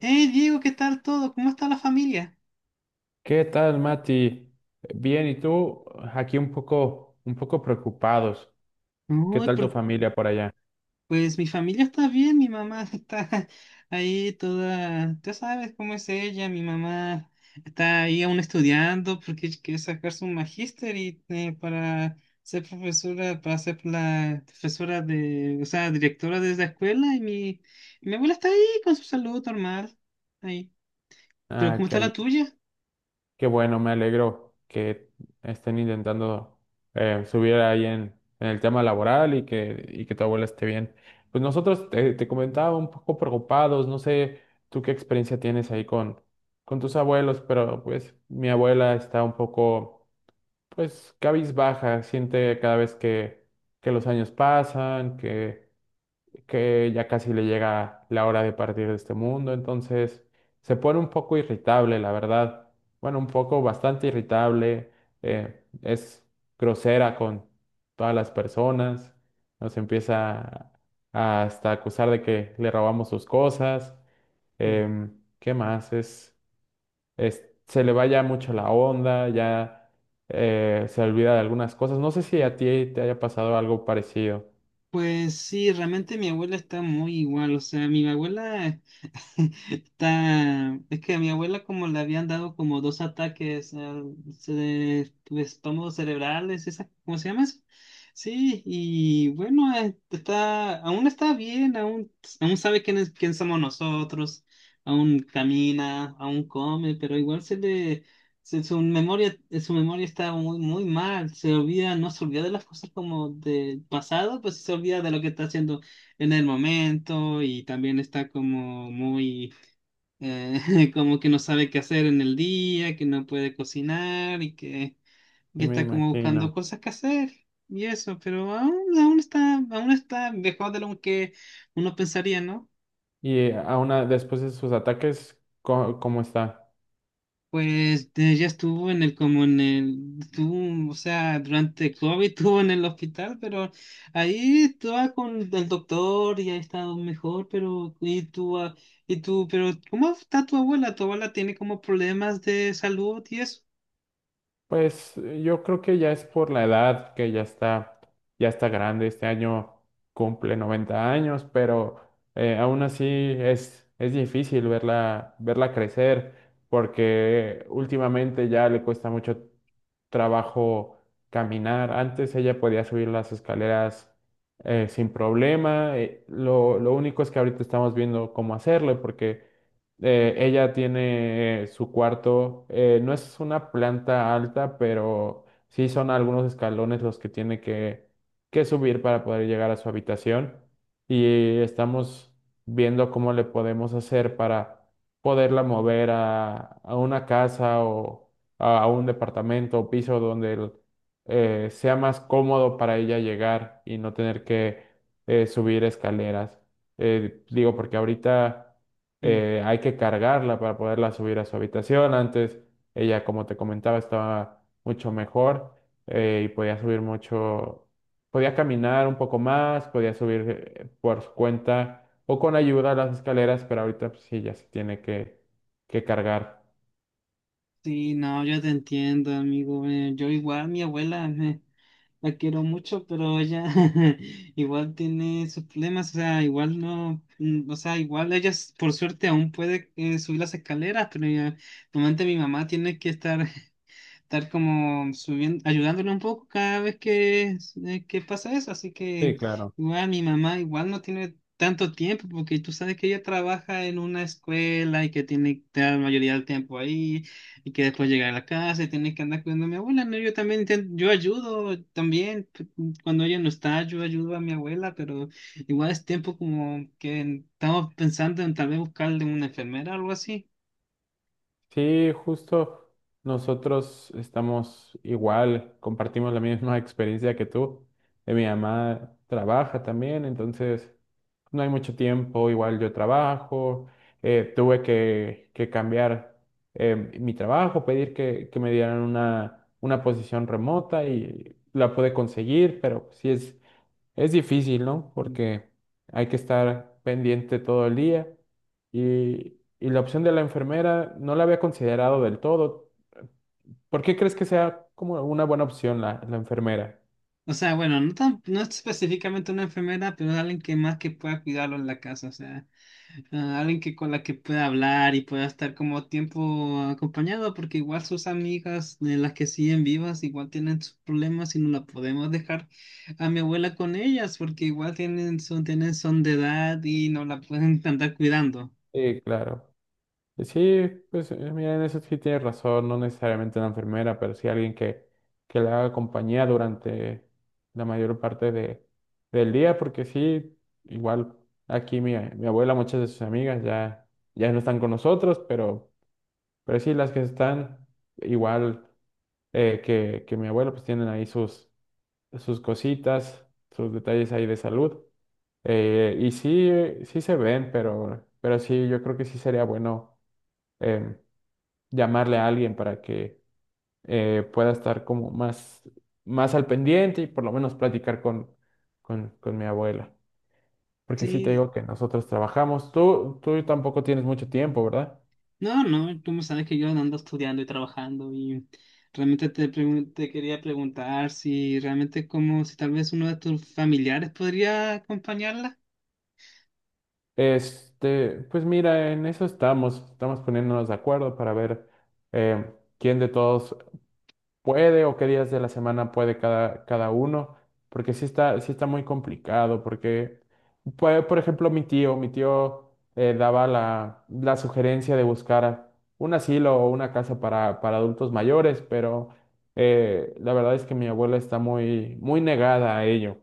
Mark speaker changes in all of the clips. Speaker 1: Hey Diego, ¿qué tal todo? ¿Cómo está la familia?
Speaker 2: ¿Qué tal, Mati? Bien, ¿y tú? Aquí un poco preocupados. ¿Qué
Speaker 1: Uy,
Speaker 2: tal tu
Speaker 1: por-
Speaker 2: familia por allá?
Speaker 1: pues mi familia está bien, mi mamá está ahí toda, tú sabes cómo es ella. Mi mamá está ahí aún estudiando porque ella quiere sacar su magíster y para ser profesora, para ser la profesora de, o sea, directora de la escuela. Y mi abuela está ahí con su salud normal, ahí. Pero
Speaker 2: Ah,
Speaker 1: ¿cómo
Speaker 2: qué,
Speaker 1: está la
Speaker 2: al-
Speaker 1: tuya?
Speaker 2: Qué bueno, me alegro que estén intentando subir ahí en el tema laboral y que tu abuela esté bien. Pues nosotros te, te comentaba un poco preocupados, no sé tú qué experiencia tienes ahí con tus abuelos, pero pues mi abuela está un poco, pues cabizbaja, siente cada vez que los años pasan, que ya casi le llega la hora de partir de este mundo, entonces se pone un poco irritable, la verdad. Bueno, un poco bastante irritable, es grosera con todas las personas, nos empieza a hasta acusar de que le robamos sus cosas,
Speaker 1: Mm,
Speaker 2: ¿qué más? Se le va ya mucho la onda, ya se olvida de algunas cosas. No sé si
Speaker 1: mm.
Speaker 2: a ti te haya pasado algo parecido,
Speaker 1: Pues sí, realmente mi abuela está muy igual, o sea, mi abuela... Está... Es que a mi abuela como le habían dado como dos ataques al estómago cerebrales, esa, ¿cómo se llama eso? Sí, y bueno, está, aún está bien, aún, aún sabe quién es, quién somos nosotros, aún camina, aún come, pero igual se le, su memoria, su memoria está muy mal, se olvida, no se olvida de las cosas como del pasado, pues se olvida de lo que está haciendo en el momento y también está como muy, eh, como que no sabe qué hacer en el día, que no puede cocinar y que,
Speaker 2: sí
Speaker 1: que
Speaker 2: me
Speaker 1: está como
Speaker 2: imagino.
Speaker 1: buscando cosas que hacer y eso, pero aún está mejor de lo que uno pensaría, ¿no?
Speaker 2: Y después de sus ataques, ¿cómo está?
Speaker 1: Pues ya estuvo en el, como en el, estuvo, o sea, durante COVID estuvo en el hospital, pero ahí estaba con el doctor y ha estado mejor. Pero, y tú, ah, y tú, pero, ¿cómo está tu abuela? ¿Tu abuela tiene como problemas de salud y eso?
Speaker 2: Pues yo creo que ya es por la edad, que ya está grande. Este año cumple 90 años, pero aún así es difícil verla, verla crecer, porque últimamente ya le cuesta mucho trabajo caminar. Antes ella podía subir las escaleras sin problema. Lo único es que ahorita estamos viendo cómo hacerle, porque ella tiene su cuarto, no es una planta alta, pero sí son algunos escalones los que tiene que subir para poder llegar a su habitación. Y estamos viendo cómo le podemos hacer para poderla mover a una casa o a un departamento o piso sea más cómodo para ella llegar y no tener que subir escaleras. Digo, porque ahorita
Speaker 1: Mm.
Speaker 2: hay que cargarla para poderla subir a su habitación. Antes ella, como te comentaba, estaba mucho mejor y podía subir mucho, podía caminar un poco más, podía subir por su cuenta o con ayuda a las escaleras, pero ahorita pues, sí ya se tiene que cargar.
Speaker 1: Sí, no, yo te entiendo, amigo, yo igual, mi abuela, la quiero mucho, pero ella igual tiene sus problemas, o sea, igual no, mm, o sea, igual ella por suerte aún puede subir las escaleras, pero normalmente mi mamá tiene que estar como subiendo, ayudándole un poco cada vez que pasa eso. Así que
Speaker 2: Sí, claro.
Speaker 1: igual mi mamá igual no tiene tanto tiempo porque tú sabes que ella trabaja en una escuela y que tiene que estar la mayoría del tiempo ahí y que después llega a la casa y tiene que andar cuidando a mi abuela. No, yo también yo ayudo también cuando ella no está, yo ayudo a mi abuela, pero igual es tiempo como que estamos pensando en tal vez buscarle una enfermera o algo así.
Speaker 2: Sí, justo nosotros estamos igual, compartimos la misma experiencia que tú. Mi mamá trabaja también, entonces no hay mucho tiempo, igual yo trabajo, tuve que cambiar mi trabajo, pedir que me dieran una posición remota y la pude conseguir, pero sí es difícil, ¿no? Porque hay que estar pendiente todo el día y la opción de la enfermera no la había considerado del todo. ¿Por qué crees que sea como una buena opción la, la enfermera?
Speaker 1: O sea, bueno, no tan, no específicamente una enfermera, pero alguien que más que pueda cuidarlo en la casa, o sea, ah, alguien que con la que pueda hablar y pueda estar como tiempo acompañado, porque igual sus amigas de las que siguen vivas igual tienen sus problemas y no la podemos dejar a mi abuela con ellas, porque igual tienen son de edad y no la pueden andar cuidando.
Speaker 2: Sí, claro. Sí, pues mira, en eso sí tienes razón, no necesariamente una enfermera, pero sí alguien que le haga compañía durante la mayor parte de, del día, porque sí, igual aquí mi, mi abuela, muchas de sus amigas ya, ya no están con nosotros, pero... Pero sí, las que están igual que mi abuelo, pues tienen ahí sus, sus cositas, sus detalles ahí de salud. Y sí, sí se ven, pero sí, yo creo que sí sería bueno em, llamarle a alguien para que pueda estar como más, más al pendiente y por lo menos platicar con mi abuela. Porque sí te
Speaker 1: Sí,
Speaker 2: digo que nosotros trabajamos. Tú tampoco tienes mucho tiempo, ¿verdad?
Speaker 1: no, no, tú me sabes que yo ando estudiando y trabajando y realmente te quería preguntar si realmente como si tal vez uno de tus familiares podría acompañarla.
Speaker 2: Este, pues mira, en eso estamos, estamos poniéndonos de acuerdo para ver eh, quién de todos puede o qué días de la semana puede cada, cada uno, porque sí está muy complicado, porque, pues, por ejemplo, mi tío daba la, la sugerencia de buscar un asilo o una casa para adultos mayores, pero la verdad es que mi abuela está muy, muy negada a ello.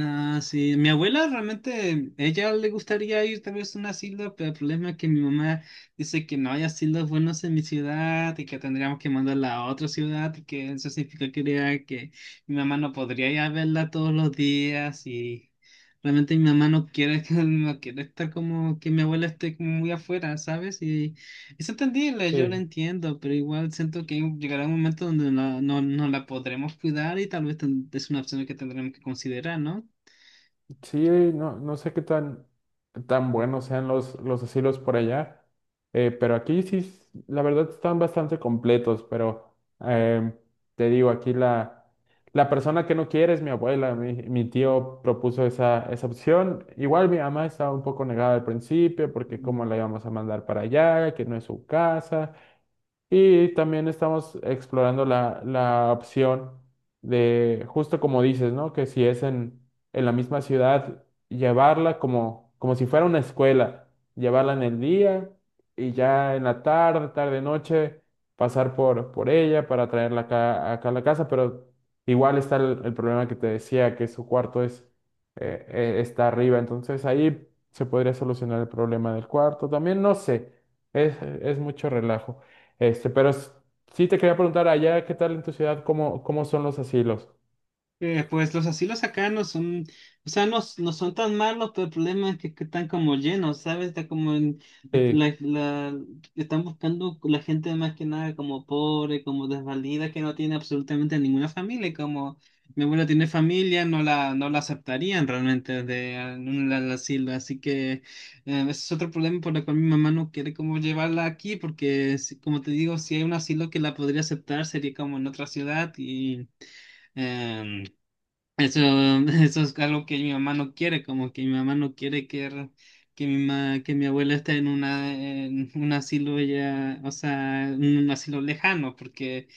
Speaker 1: Ah, sí, mi abuela realmente, ella le gustaría ir tal vez a un asilo, pero el problema es que mi mamá dice que no hay asilos buenos en mi ciudad y que tendríamos que mandarla a otra ciudad y que eso significa que, diría que mi mamá no podría ir a verla todos los días y realmente mi mamá no quiere, no quiere estar como que mi abuela esté como muy afuera, ¿sabes? Y es entendible, yo lo entiendo, pero igual siento que llegará un momento donde no la podremos cuidar y tal vez es una opción que tendremos que considerar, ¿no?
Speaker 2: Sí, no, no sé qué tan, tan buenos sean los asilos por allá, pero aquí sí, s- la verdad están bastante completos, pero te digo, aquí la, la persona que no quiere es mi abuela, mi tío propuso esa, esa opción, igual mi mamá estaba un poco negada al principio porque cómo
Speaker 1: Mm.
Speaker 2: la íbamos a mandar para allá, que no es su casa. Y también estamos explorando la, la opción de, justo como dices, ¿no? Que si es en la misma ciudad, llevarla como, como si fuera una escuela, llevarla en el día y ya en la tarde, tarde, noche, pasar por ella para traerla acá, acá a la casa, pero igual está el problema que te decía, que su cuarto es, está arriba, entonces ahí se podría solucionar el problema del cuarto. También no sé, es mucho relajo. Este, pero s- sí te quería preguntar, allá, ¿qué tal en tu ciudad? ¿Cómo, cómo son los asilos?
Speaker 1: Pues los asilos acá no son, o sea, no, no son tan malos, pero el problema es que están como llenos, ¿sabes? Está como
Speaker 2: Sí,
Speaker 1: la, la- están buscando la gente más que nada como pobre, como desvalida, que no tiene absolutamente ninguna familia, y como mi abuela tiene familia, no no la aceptarían realmente de en un asilo, así que ese es otro problema por el cual mi mamá no quiere como llevarla aquí, porque como te digo, si hay un asilo que la podría aceptar, sería como en otra ciudad y... Em, eso, eso es algo que mi mamá no quiere, como que mi mamá no quiere que, que mi abuela esté en una en un asilo ya, o sea, en un asilo lejano, porque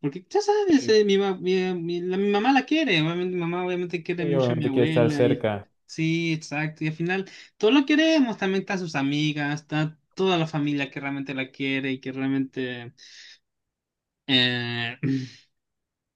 Speaker 1: porque ya sabes,
Speaker 2: sí,
Speaker 1: mi, ma- mi- la- mi mamá la quiere, obviamente, mi mamá obviamente quiere
Speaker 2: sí,
Speaker 1: mucho a mi
Speaker 2: obviamente quiere estar
Speaker 1: abuela y
Speaker 2: cerca.
Speaker 1: sí, exacto, y al final todos lo queremos, también está sus amigas, está toda la familia que realmente la quiere y que realmente eh,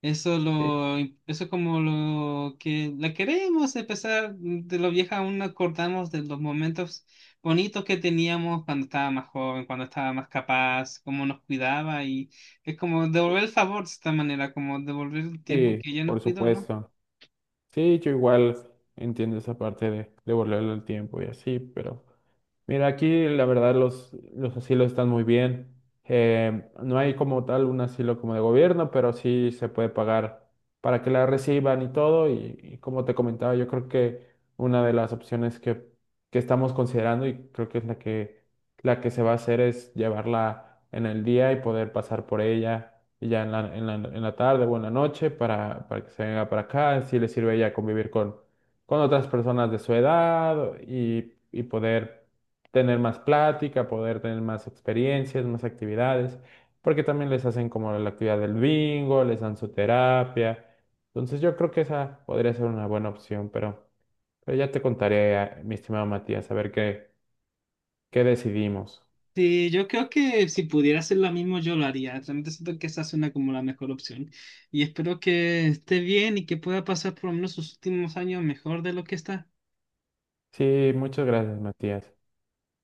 Speaker 2: Sí,
Speaker 1: Eso es como lo que la queremos empezar de lo vieja, aún nos acordamos de los momentos bonitos que teníamos cuando estaba más joven, cuando estaba más capaz, cómo nos cuidaba y es como devolver el favor de esta manera, como devolver el tiempo
Speaker 2: sí,
Speaker 1: que ella nos
Speaker 2: por
Speaker 1: cuidó, ¿no?
Speaker 2: supuesto. Sí, yo igual entiendo esa parte de devolverle el tiempo y así, pero mira, aquí la verdad los asilos están muy bien. No hay como tal un asilo como de gobierno, pero sí se puede pagar para que la reciban y todo. Y como te comentaba, yo creo que una de las opciones que estamos considerando y creo que es la que se va a hacer es llevarla en el día y poder pasar por ella y ya en la, en la, en la tarde o en la noche para que se venga para acá. Si le sirve ya convivir con otras personas de su edad y poder tener más plática, poder tener más experiencias, más actividades, porque también les hacen como la actividad del bingo, les dan su terapia. Entonces yo creo que esa podría ser una buena opción, pero ya te contaré, mi estimado Matías, a ver qué, qué decidimos.
Speaker 1: Sí, yo creo que si pudiera hacer lo mismo yo lo haría. Realmente siento que esa suena como la mejor opción y espero que esté bien y que pueda pasar por lo menos sus últimos años mejor de lo que está.
Speaker 2: Sí, muchas gracias, Matías.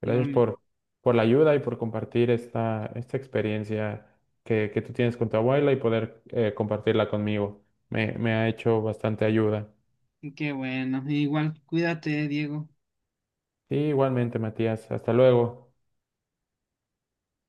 Speaker 2: Gracias
Speaker 1: Igualmente.
Speaker 2: por la ayuda y por compartir esta, esta experiencia que tú tienes con tu abuela y poder compartirla conmigo. Me ha hecho bastante ayuda.
Speaker 1: Qué bueno. Igual, cuídate, Diego.
Speaker 2: Sí, igualmente, Matías. Hasta luego.